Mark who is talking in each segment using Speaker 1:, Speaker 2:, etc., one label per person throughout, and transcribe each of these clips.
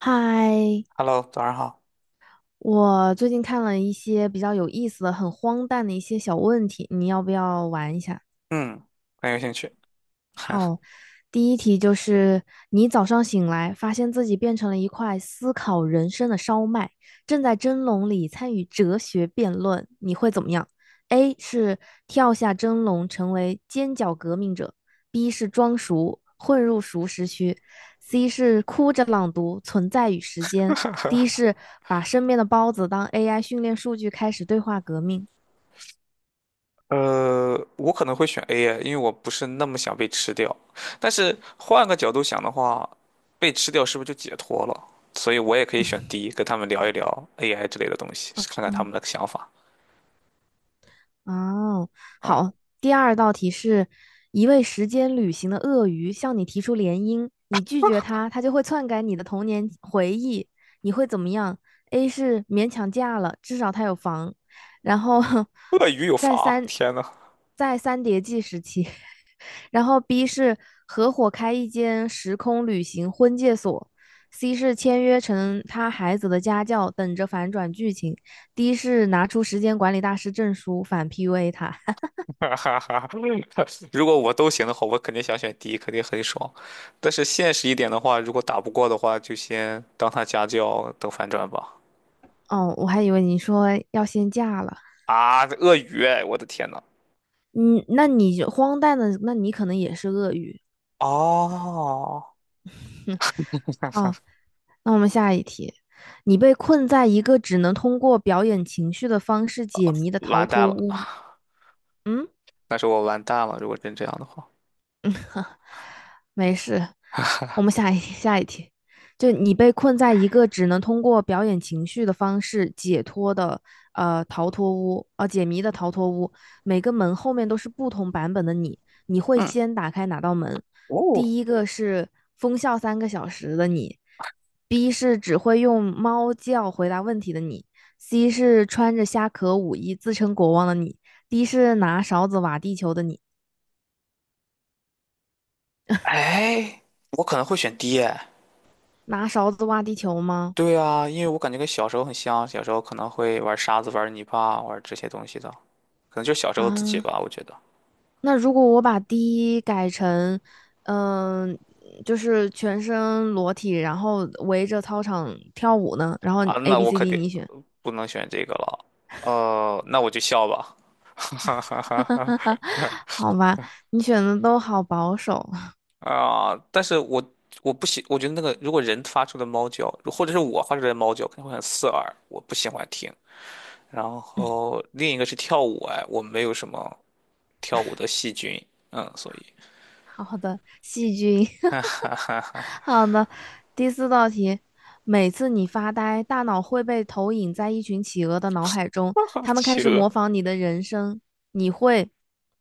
Speaker 1: 嗨，
Speaker 2: Hello，早上好。
Speaker 1: 我最近看了一些比较有意思的、很荒诞的一些小问题，你要不要玩一下？
Speaker 2: 嗯，很有兴趣。
Speaker 1: 好，第一题就是你早上醒来，发现自己变成了一块思考人生的烧麦，正在蒸笼里参与哲学辩论，你会怎么样？A 是跳下蒸笼成为尖角革命者，B 是装熟混入熟食区，C 是哭着朗读《存在与时间》，D 是把身边的包子当 AI 训练数据开始对话革命。
Speaker 2: 我可能会选 A 耶，因为我不是那么想被吃掉。但是换个角度想的话，被吃掉是不是就解脱了？所以我也可以选 D，跟他们聊一聊 AI 之类的东西，看看他
Speaker 1: 嗯
Speaker 2: 们的想法。
Speaker 1: 哦，
Speaker 2: 啊，
Speaker 1: 好，第二道题是一位时间旅行的鳄鱼向你提出联姻，你拒绝他，他就会篡改你的童年回忆，你会怎么样？A 是勉强嫁了，至少他有房，然后
Speaker 2: 鳄鱼有
Speaker 1: 在
Speaker 2: 房，
Speaker 1: 三
Speaker 2: 天呐，
Speaker 1: 在三叠纪时期然后 B 是合伙开一间时空旅行婚介所，C 是签约成他孩子的家教，等着反转剧情，D 是拿出时间管理大师证书反 PUA 他。
Speaker 2: 哈哈哈！如果我都行的话，我肯定想选 D，肯定很爽。但是现实一点的话，如果打不过的话，就先当他家教，等反转吧。
Speaker 1: 哦，我还以为你说要先嫁了，
Speaker 2: 啊，鳄鱼哎我的天呐！
Speaker 1: 嗯，那你荒诞的，那你可能也是鳄鱼。
Speaker 2: 哦
Speaker 1: 哦，那我们下一题，你被困在一个只能通过表演情绪的方式解谜的逃
Speaker 2: 完
Speaker 1: 脱
Speaker 2: 蛋了，
Speaker 1: 屋。嗯，
Speaker 2: 但是我完蛋了，如果真这样的话，
Speaker 1: 哼 没事，我们下一题，就你被困在一个只能通过表演情绪的方式解脱的逃脱屋啊、解谜的逃脱屋，每个门后面都是不同版本的你，你会
Speaker 2: 嗯，
Speaker 1: 先打开哪道门？
Speaker 2: 哦，
Speaker 1: 第一个是疯笑3个小时的你，B 是只会用猫叫回答问题的你，C 是穿着虾壳舞衣自称国王的你，D 是拿勺子挖地球的你。
Speaker 2: 哎，我可能会选 D 哎。
Speaker 1: 拿勺子挖地球吗？
Speaker 2: 对啊，因为我感觉跟小时候很像，小时候可能会玩沙子、玩泥巴、玩这些东西的，可能就是小时候自己
Speaker 1: 啊，
Speaker 2: 吧，我觉得。
Speaker 1: 那如果我把第一改成，嗯、就是全身裸体，然后围着操场跳舞呢？然后
Speaker 2: 啊，
Speaker 1: A、
Speaker 2: 那
Speaker 1: B、
Speaker 2: 我
Speaker 1: C、
Speaker 2: 肯
Speaker 1: D
Speaker 2: 定
Speaker 1: 你选，
Speaker 2: 不能选这个了。那我就笑吧。哈哈哈哈。
Speaker 1: 好吧，你选的都好保守。
Speaker 2: 但是我不喜，我觉得那个如果人发出的猫叫，或者是我发出来的猫叫，肯定会很刺耳，我不喜欢听。然后另一个是跳舞，哎，我没有什么跳舞的细菌，所以
Speaker 1: 好的，细菌。
Speaker 2: 哈 哈哈
Speaker 1: 好的，第四道题，每次你发呆，大脑会被投影在一群企鹅的脑海中，
Speaker 2: 哈，
Speaker 1: 它们开
Speaker 2: 企
Speaker 1: 始
Speaker 2: 鹅。
Speaker 1: 模仿你的人生，你会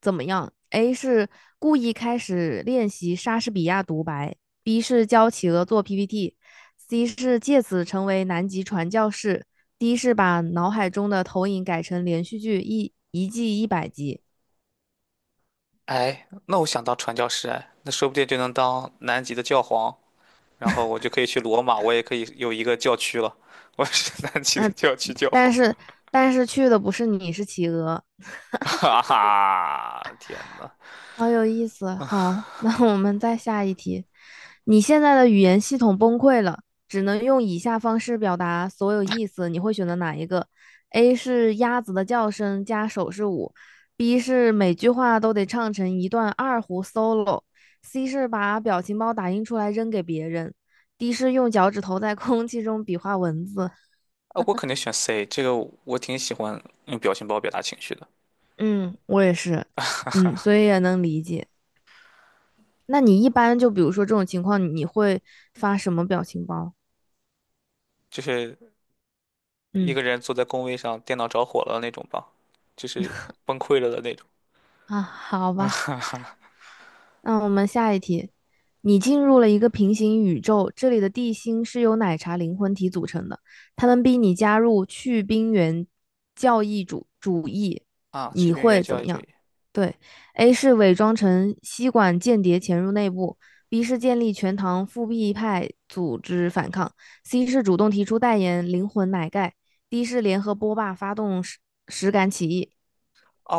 Speaker 1: 怎么样？A 是故意开始练习莎士比亚独白，B 是教企鹅做 PPT，C 是借此成为南极传教士，D 是把脑海中的投影改成连续剧一季100集，
Speaker 2: 哎，那我想当传教士，哎，那说不定就能当南极的教皇，然后我就可以去罗马，我也可以有一个教区了，我是南极的教区教
Speaker 1: 但
Speaker 2: 皇，
Speaker 1: 是但是去的不是你，是企鹅。
Speaker 2: 哈哈，天呐！
Speaker 1: 好有意思。好，那我们再下一题。你现在的语言系统崩溃了，只能用以下方式表达所有意思，你会选择哪一个？A 是鸭子的叫声加手势舞，B 是每句话都得唱成一段二胡 solo，C 是把表情包打印出来扔给别人，D 是用脚趾头在空气中比划文字。
Speaker 2: 啊，我肯定选 C，这个我挺喜欢用表情包表达情绪的，
Speaker 1: 嗯，我也是，嗯，所以也能理解。那你一般就比如说这种情况，你会发什么表情包？
Speaker 2: 就是一
Speaker 1: 嗯
Speaker 2: 个人坐在工位上，电脑着火了那种吧，就是崩溃了的那种
Speaker 1: 啊，好吧，那我们下一题。你进入了一个平行宇宙，这里的地心是由奶茶灵魂体组成的，他们逼你加入去冰原教义主义，
Speaker 2: 啊。士
Speaker 1: 你
Speaker 2: 兵原
Speaker 1: 会怎
Speaker 2: 教育
Speaker 1: 么
Speaker 2: 主
Speaker 1: 样？
Speaker 2: 义
Speaker 1: 对，A 是伪装成吸管间谍潜入内部，B 是建立全糖复辟派组织反抗，C 是主动提出代言灵魂奶盖，D 是联合波霸发动实感起义。
Speaker 2: 啊，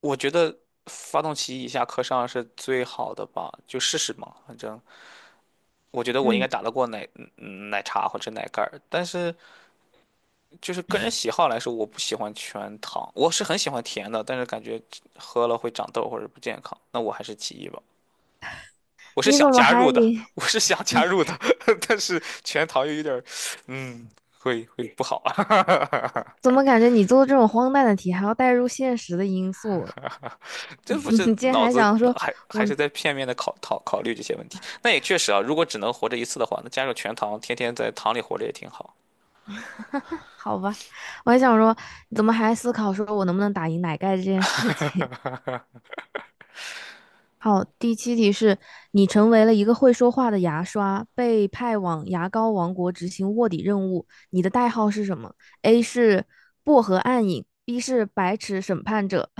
Speaker 2: 我觉得发动机以下课上是最好的吧，就试试嘛。反正我觉得我应该
Speaker 1: 嗯，
Speaker 2: 打得过奶奶茶或者奶盖儿，但是就是个人喜好来说，我不喜欢全糖，我是很喜欢甜的，但是感觉喝了会长痘或者不健康，那我还是其一吧。
Speaker 1: 你怎么还连？
Speaker 2: 我是想加入的，但是全糖又有点儿，嗯，会不好啊。
Speaker 1: 怎么感觉你做这种荒诞的题还要带入现实的因素？
Speaker 2: 这不 是
Speaker 1: 你竟然
Speaker 2: 脑
Speaker 1: 还
Speaker 2: 子
Speaker 1: 想说
Speaker 2: 还
Speaker 1: 我，
Speaker 2: 是在片面的考虑这些问题。那也确实啊，如果只能活着一次的话，那加入全糖，天天在糖里活着也挺好。
Speaker 1: 好吧，我还想说，你怎么还思考说我能不能打赢奶盖这件事情？好，第七题是你成为了一个会说话的牙刷，被派往牙膏王国执行卧底任务，你的代号是什么？A 是薄荷暗影，B 是白齿审判者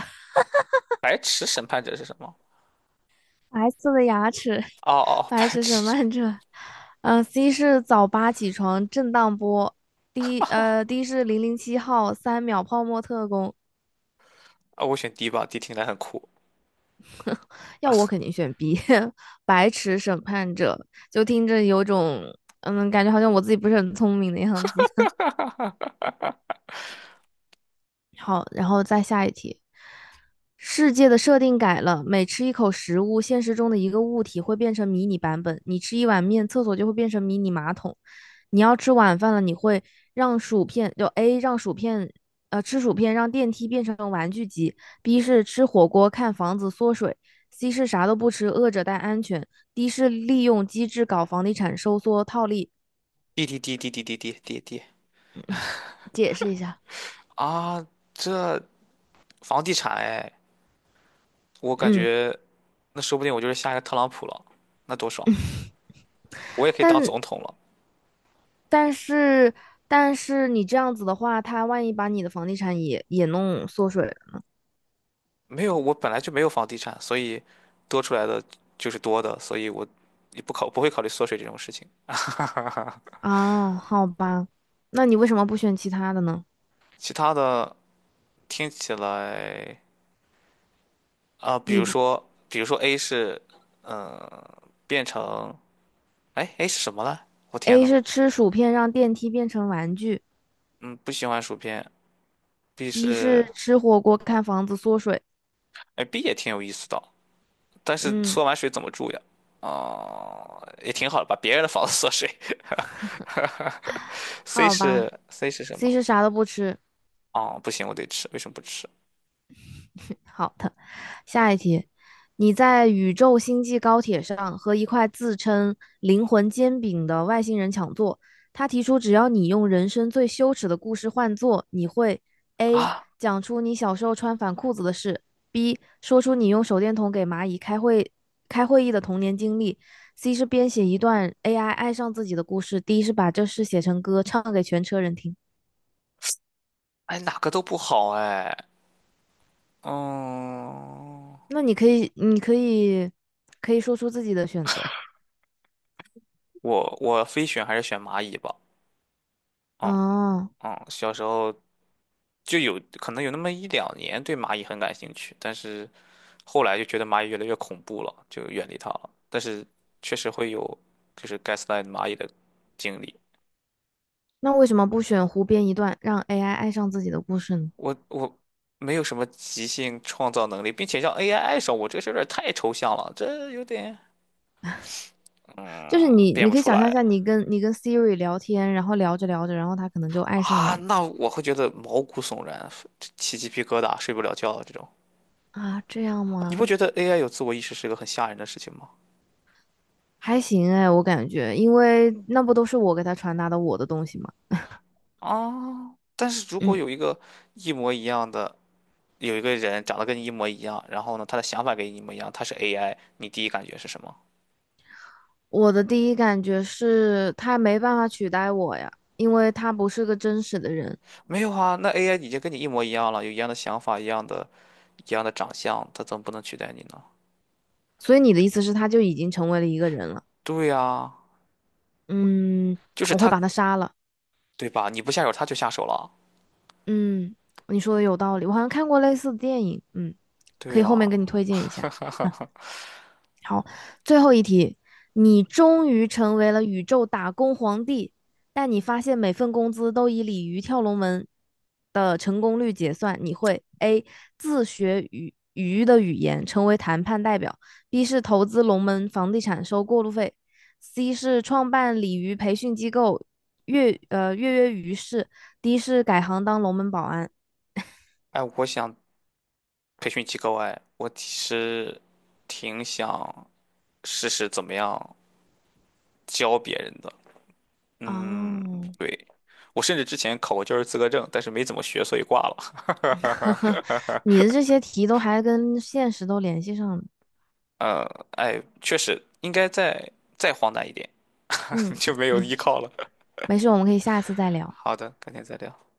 Speaker 2: 白池审判者是什么？
Speaker 1: 白色的牙齿，
Speaker 2: 哦，
Speaker 1: 白
Speaker 2: 白
Speaker 1: 齿审
Speaker 2: 池
Speaker 1: 判者，嗯，C 是早八起床，震荡波。D 是007号，3秒泡沫特工。
Speaker 2: 啊，我选 D 吧，D 听起来很酷。
Speaker 1: 要我肯定选 B，白齿审判者。就听着有种，嗯，感觉好像我自己不是很聪明的样子。好，然后再下一题。世界的设定改了，每吃一口食物，现实中的一个物体会变成迷你版本。你吃一碗面，厕所就会变成迷你马桶。你要吃晚饭了，你会让薯片，就 A 让薯片，吃薯片让电梯变成玩具机；B 是吃火锅看房子缩水；C 是啥都不吃，饿着但安全；D 是利用机制搞房地产收缩套利。
Speaker 2: D D D D D D D D D
Speaker 1: 解释一下，
Speaker 2: 啊，这房地产哎，我感
Speaker 1: 嗯，
Speaker 2: 觉那说不定我就是下一个特朗普了，那多爽！我也可以当
Speaker 1: 但
Speaker 2: 总统了。
Speaker 1: 但是但是你这样子的话，他万一把你的房地产也弄缩水了
Speaker 2: 没有，我本来就没有房地产，所以多出来的就是多的，所以我也不考不会考虑缩水这种事情。
Speaker 1: 啊，好吧，那你为什么不选其他的呢？
Speaker 2: 其他的听起来
Speaker 1: 你不
Speaker 2: 比如说 A 是，嗯、变成，哎，A 是什么呢？我天
Speaker 1: A
Speaker 2: 呐，
Speaker 1: 是吃薯片让电梯变成玩具
Speaker 2: 嗯，不喜欢薯片。B
Speaker 1: ，B
Speaker 2: 是，
Speaker 1: 是吃火锅看房子缩水，
Speaker 2: 哎，B 也挺有意思的，但是
Speaker 1: 嗯，
Speaker 2: 缩完水怎么住呀？啊，也挺好的，把别人的房子 缩水。
Speaker 1: 好吧
Speaker 2: C 是什
Speaker 1: ，C
Speaker 2: 么？
Speaker 1: 是啥都不吃。
Speaker 2: 哦，不行，我得吃，为什么不吃
Speaker 1: 好的，下一题，你在宇宙星际高铁上和一块自称"灵魂煎饼"的外星人抢座，他提出只要你用人生最羞耻的故事换座，你会 A
Speaker 2: 啊？
Speaker 1: 讲出你小时候穿反裤子的事，B 说出你用手电筒给蚂蚁开会开会议的童年经历，C 是编写一段 AI 爱上自己的故事，D 是把这事写成歌唱给全车人听。
Speaker 2: 哎，哪个都不好哎。嗯，
Speaker 1: 那你可以，你可以，可以说出自己的选择
Speaker 2: 我非选还是选蚂蚁吧。嗯
Speaker 1: 哦。
Speaker 2: 小时候就有可能有那么一两年对蚂蚁很感兴趣，但是后来就觉得蚂蚁越来越恐怖了，就远离它了。但是确实会有就是 gaslight 蚂蚁的经历。
Speaker 1: 那为什么不选湖边一段，让 AI 爱上自己的故事呢？
Speaker 2: 我没有什么即兴创造能力，并且让 AI 爱上我，这个事儿有点太抽象了，这有点。
Speaker 1: 就是
Speaker 2: 嗯，
Speaker 1: 你，
Speaker 2: 变
Speaker 1: 你
Speaker 2: 不
Speaker 1: 可以
Speaker 2: 出
Speaker 1: 想象一
Speaker 2: 来
Speaker 1: 下，你跟你跟 Siri 聊天，然后聊着聊着，然后它可能就爱上
Speaker 2: 啊，
Speaker 1: 你了
Speaker 2: 那我会觉得毛骨悚然，起鸡皮疙瘩，睡不了觉这种。
Speaker 1: 啊？这样
Speaker 2: 啊你不
Speaker 1: 吗？
Speaker 2: 觉得 AI 有自我意识是个很吓人的事情吗？
Speaker 1: 还行哎，我感觉，因为那不都是我给他传达的我的东西吗？
Speaker 2: 啊，但是如果
Speaker 1: 嗯，
Speaker 2: 有一个一模一样的，有一个人长得跟你一模一样，然后呢，他的想法跟你一模一样，他是 AI，你第一感觉是什么？
Speaker 1: 我的第一感觉是他没办法取代我呀，因为他不是个真实的人。
Speaker 2: 没有啊，那 AI 已经跟你一模一样了，有一样的想法，一样的长相，他怎么不能取代你呢？
Speaker 1: 所以你的意思是，他就已经成为了一个人了？
Speaker 2: 对呀，
Speaker 1: 嗯，
Speaker 2: 就是
Speaker 1: 我会
Speaker 2: 他，
Speaker 1: 把他杀了。
Speaker 2: 对吧？你不下手，他就下手了。
Speaker 1: 嗯，你说的有道理，我好像看过类似的电影，嗯，
Speaker 2: 对
Speaker 1: 可以后面给
Speaker 2: 呀，
Speaker 1: 你推荐一下。好，最后一题，你终于成为了宇宙打工皇帝，但你发现每份工资都以鲤鱼跳龙门的成功率结算，你会 A 自学语鱼的语言，成为谈判代表；B 是投资龙门房地产收过路费；C 是创办鲤鱼培训机构，跃跃欲试；D 是改行当龙门保安。
Speaker 2: 哎，我想培训机构哎，我其实挺想试试怎么样教别人的。嗯，
Speaker 1: 哦，
Speaker 2: 对，我甚至之前考过教师资格证，但是没怎么学，所以挂了。
Speaker 1: 你的这些题都还跟现实都联系上了。
Speaker 2: 呃，哎，确实应该再荒诞一点，
Speaker 1: 嗯
Speaker 2: 就没有
Speaker 1: 嗯，
Speaker 2: 依靠了。
Speaker 1: 没事，我们可以下次再聊。
Speaker 2: 好的，改天再聊。